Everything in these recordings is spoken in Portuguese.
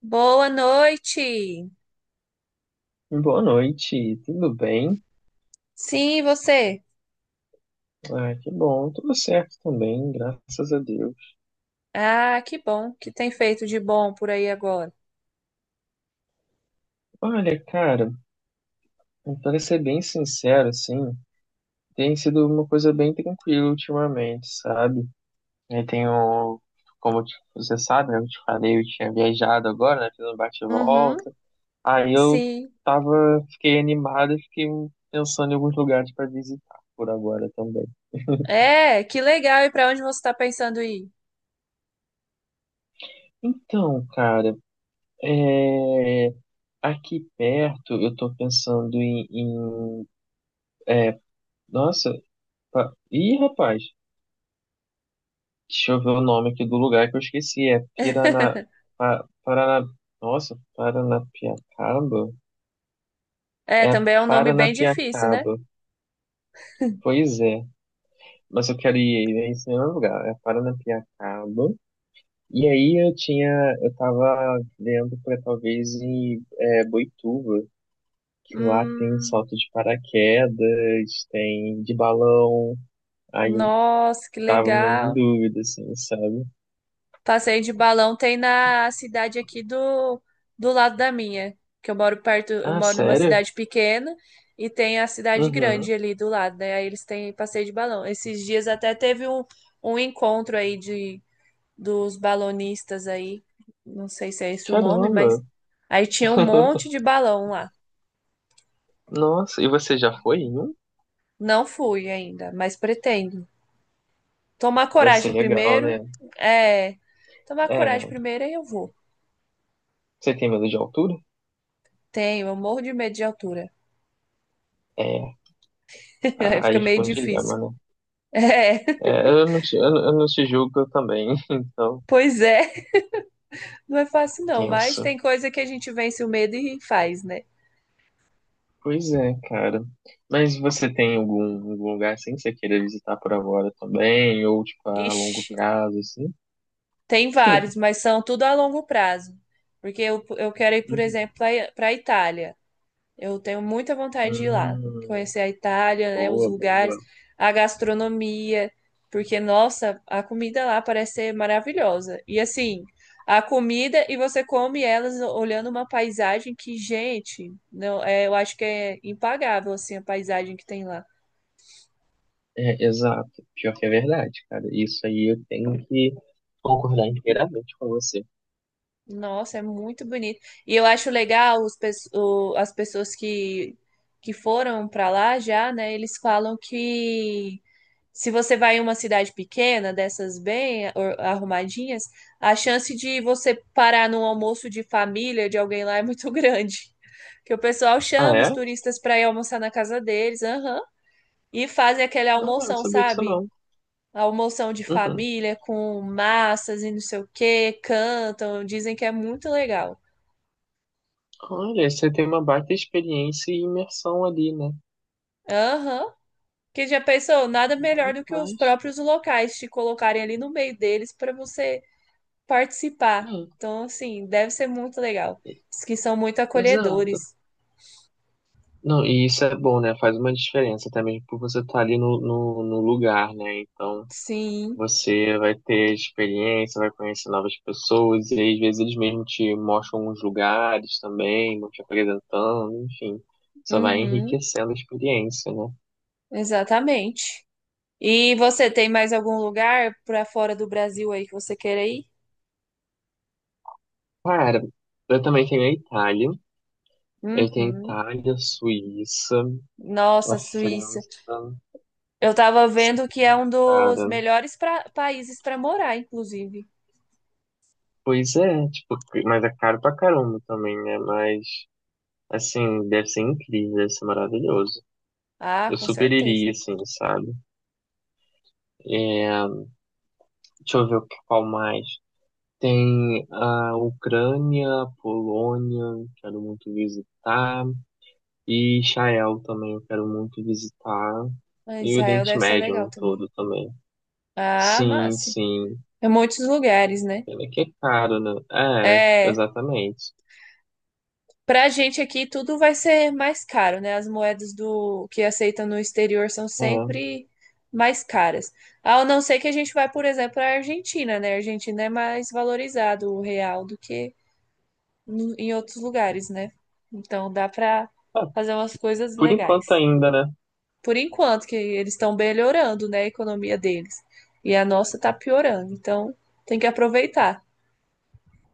Boa noite. Boa noite, tudo bem? Sim, e você? Ah, que bom, tudo certo também, graças a Deus. Ah, que bom que tem feito de bom por aí agora. Olha, cara, para ser bem sincero, assim, tem sido uma coisa bem tranquila ultimamente, sabe? Eu tenho, como eu você sabe, né, eu te falei, eu tinha viajado agora, né, fiz um Uhum. bate-volta. Aí eu Sim. tava, fiquei animado e fiquei pensando em alguns lugares para visitar por agora também. É, que legal. E para onde você está pensando ir? Então, cara, é... Aqui perto, eu tô pensando em é, nossa, rapaz, deixa eu ver o nome aqui do lugar que eu esqueci, é Pirana, Parana, nossa, Paranapiacaba? É, É também é um nome bem difícil, né? Paranapiacaba, pois é, mas eu quero ir em esse mesmo lugar, é Paranapiacaba, e aí eu tava vendo pra talvez ir Boituva, que lá tem Hum, salto de paraquedas, tem de balão, Aí eu nossa, que tava meio em legal. dúvida, assim, sabe? Passeio de balão tem na cidade aqui do lado da minha, que eu moro perto, eu Ah, moro numa sério? cidade pequena e tem a cidade Uhum. grande ali do lado, né? Aí eles têm passeio de balão. Esses dias até teve um encontro aí de dos balonistas aí, não sei se é esse o nome, mas Caramba! aí tinha um monte de balão lá. Nossa, e você já foi em um? Não fui ainda, mas pretendo. Tomar Deve ser coragem legal, primeiro, né? é, tomar coragem É, primeiro aí eu vou. você tem medo de altura? Tenho, eu morro de medo de altura. É, Aí fica aí meio fica um difícil. dilema, né? É, É, eu não te julgo eu também, então, pois é, não é fácil não, mas tenso. tem coisa que a gente vence o medo e faz, né? Pois é, cara. Mas você tem algum lugar assim que você queira visitar por agora também? Ou, tipo, a longo Ixi, prazo, assim? tem vários, mas são tudo a longo prazo. Porque eu quero ir, por Uhum. exemplo, para a Itália. Eu tenho muita vontade de ir lá, Hum, conhecer a Itália, né, os boa, lugares, boa. a gastronomia, porque, nossa, a comida lá parece ser maravilhosa. E assim, a comida e você come elas olhando uma paisagem que, gente, não, é, eu acho que é impagável assim a paisagem que tem lá. É, exato. Pior que é verdade, cara. Isso aí eu tenho que concordar inteiramente com você. Nossa, é muito bonito. E eu acho legal as pessoas que foram para lá já, né? Eles falam que se você vai em uma cidade pequena, dessas bem arrumadinhas, a chance de você parar num almoço de família de alguém lá é muito grande. Que o pessoal Ah, chama os é? turistas para ir almoçar na casa deles, aham, e fazem aquele Não, não não almoção, sabia disso sabe? não. Almoção de Uhum. família com massas e não sei o que cantam, dizem que é muito legal. Olha, você tem uma baita experiência e imersão ali, né? Aham. Que já pensou, nada melhor do que os Rapaz. próprios locais te colocarem ali no meio deles para você participar. É, Então, assim, deve ser muito legal. Diz que são muito exato. acolhedores. Não, e isso é bom, né? Faz uma diferença também por você estar ali no lugar, né? Então. Sim, Você vai ter experiência, vai conhecer novas pessoas, e aí, às vezes eles mesmo te mostram uns lugares também, vão te apresentando, enfim. Só vai uhum, enriquecendo a experiência, né? exatamente. E você tem mais algum lugar para fora do Brasil aí que você queira ir? Cara, eu também tenho a Itália. Eu tenho a Uhum. Itália, a Suíça, a Nossa, Suíça. França, Eu tava vendo que é um dos cara. melhores países para morar, inclusive. Pois é, tipo, mas é caro pra caramba também, né? Mas, assim, deve ser incrível, deve ser maravilhoso. Ah, Eu com super certeza. iria, assim, sabe? É, deixa eu ver qual mais. Tem a Ucrânia, Polônia, quero muito visitar, e Israel também, eu quero muito visitar, Ah, e o Israel Oriente deve ser Médio legal no também. todo também. Ah, Sim, massa. sim. É muitos lugares, né? Pena que é caro, né? É, É, exatamente. pra gente aqui tudo vai ser mais caro, né? As moedas do que aceitam no exterior são É. sempre mais caras. Ao não ser que a gente vai, por exemplo, à Argentina, né? A Argentina é mais valorizado o real do que em outros lugares, né? Então dá pra Ah, fazer umas coisas por enquanto legais. ainda, né? Por enquanto, que eles estão melhorando, né, a economia deles. E a nossa tá piorando. Então, tem que aproveitar.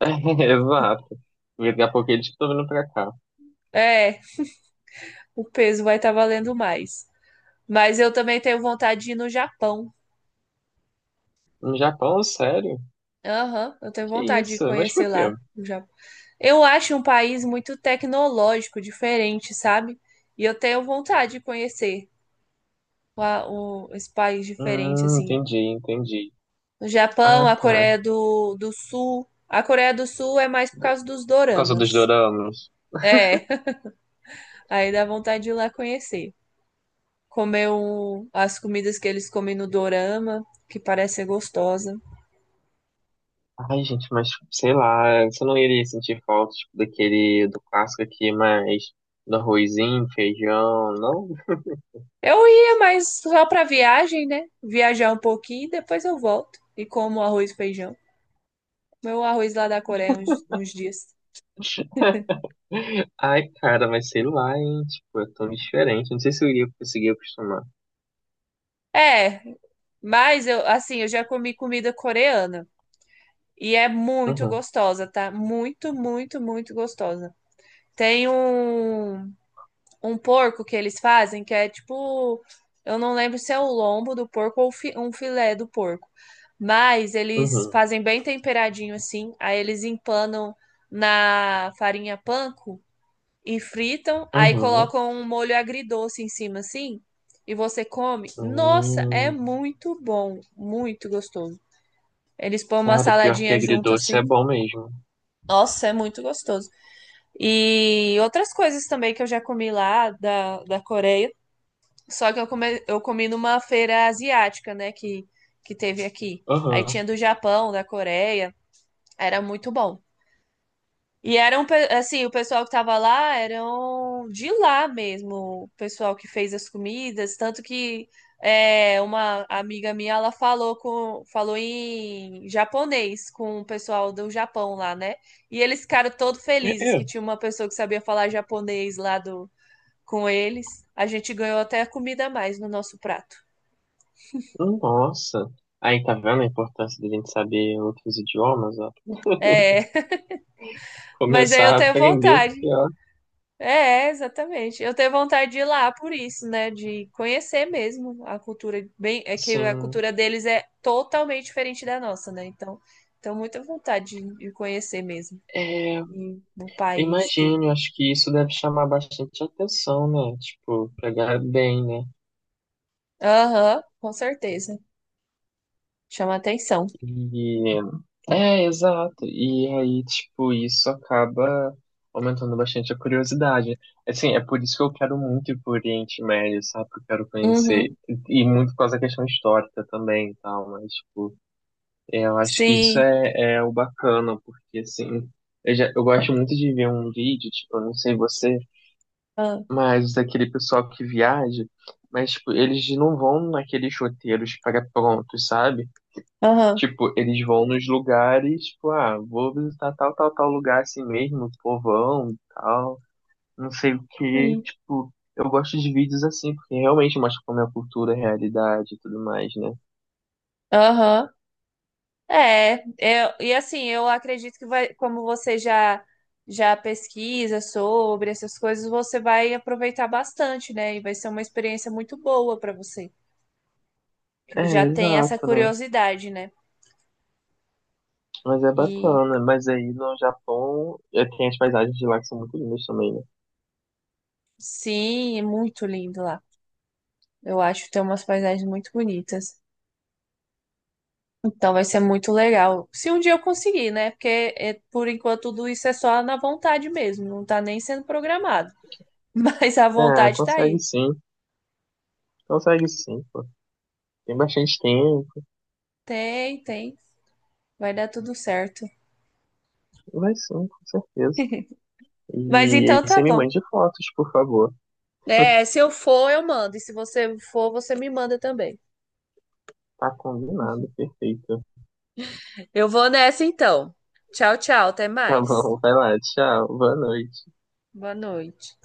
É, exato. Porque daqui a pouco eles estão vindo pra cá. É, o peso vai estar valendo mais. Mas eu também tenho vontade de ir no Japão. No Japão, sério? Aham, eu tenho Que vontade de isso? Mas por conhecer quê? lá o Japão. Eu acho um país muito tecnológico, diferente, sabe? E eu tenho vontade de conhecer lá esse país diferente, assim. Entendi, entendi. O Japão, Ah, a tá. Coreia do Sul. A Coreia do Sul é mais por causa dos Por causa doramas. dos doramas. É. Aí dá vontade de ir lá conhecer. Comer as comidas que eles comem no Dorama, que parece ser gostosa. Ai, gente, mas sei lá, você não iria sentir falta, tipo, daquele, do clássico aqui, mas do arrozinho, feijão, não? Eu ia, mas só pra viagem, né? Viajar um pouquinho, depois eu volto e como arroz e feijão. Meu arroz lá da Coreia uns dias. Ai, cara, mas sei lá, hein, tipo, é tão diferente, não sei se eu iria conseguir acostumar. É, mas eu, assim, eu já comi comida coreana e é muito Uhum, gostosa, tá? Muito, muito, muito gostosa. Tem um porco que eles fazem, que é tipo, eu não lembro se é o lombo do porco ou um filé do porco. Mas eles uhum, fazem bem temperadinho assim, aí eles empanam na farinha panko e fritam, aí uhum, colocam um molho agridoce em cima assim, e você come. Nossa, é hum. muito bom, muito gostoso. Eles põem uma Cara, pior que saladinha junto agridoce é assim. bom mesmo. Nossa, é muito gostoso. E outras coisas também que eu já comi lá da Coreia. Só que eu comi numa feira asiática, né? Que teve aqui. Aí Aham, tinha do Japão, da Coreia. Era muito bom. E eram, assim, o pessoal que tava lá eram de lá mesmo, o pessoal que fez as comidas. Tanto que é, uma amiga minha, ela falou, falou em japonês com o pessoal do Japão lá, né? E eles ficaram todos é, felizes é, que tinha uma pessoa que sabia falar japonês lá do, com eles. A gente ganhou até comida a mais no nosso prato. nossa. Aí, tá vendo a importância da gente saber outros idiomas, ó? É, mas aí Começar eu a tenho aprender, porque, vontade. ó, É, é, exatamente. Eu tenho vontade de ir lá por isso, né? De conhecer mesmo a cultura. Bem, é que a sim. cultura deles é totalmente diferente da nossa, né? Então, tenho muita vontade de conhecer mesmo. É, E no país, tudo. Imagino, acho que isso deve chamar bastante atenção, né? Tipo, pegar bem, né? Aham, com certeza. Chama atenção. E é, exato. E aí, tipo, isso acaba aumentando bastante a curiosidade. Assim, é por isso que eu quero muito ir pro Oriente Médio, sabe? Porque eu quero conhecer. Uhum. E muito por causa da questão histórica também e tal, mas, tipo, é, eu acho que isso Sim. é, o bacana, porque, assim, eu gosto muito de ver um vídeo, tipo, eu não sei você. Ah, Mas daquele pessoal que viaja, mas tipo, eles não vão naqueles roteiros pré-prontos, sabe? aham. Tipo, eles vão nos lugares, tipo, ah, vou visitar tal, tal, tal lugar assim mesmo, povão, e tal, não sei o quê. Sim. Tipo, eu gosto de vídeos assim, porque realmente mostra como é a cultura, a realidade e tudo mais, né? Aham. É, e assim, eu acredito que vai, como você já pesquisa sobre essas coisas, você vai aproveitar bastante, né? E vai ser uma experiência muito boa para você, É, que já tem essa exato, né? curiosidade, né? Mas é E bacana. Mas aí no Japão, é, tem as paisagens de lá que são muito lindas também, né? sim, é muito lindo lá. Eu acho que tem umas paisagens muito bonitas. Então vai ser muito legal. Se um dia eu conseguir, né? Porque é, por enquanto tudo isso é só na vontade mesmo, não tá nem sendo programado. Mas a Ah, vontade tá aí. Consegue sim, pô. Tem bastante tempo. Tem, tem. Vai dar tudo certo. Vai sim, com certeza. Mas E então aí tá você me bom. mande fotos, por favor. É, se eu for, eu mando. E se você for, você me manda também. Tá combinado, perfeito. Eu vou nessa então. Tchau, tchau. Até Tá mais. bom, vai lá, tchau, boa noite. Boa noite.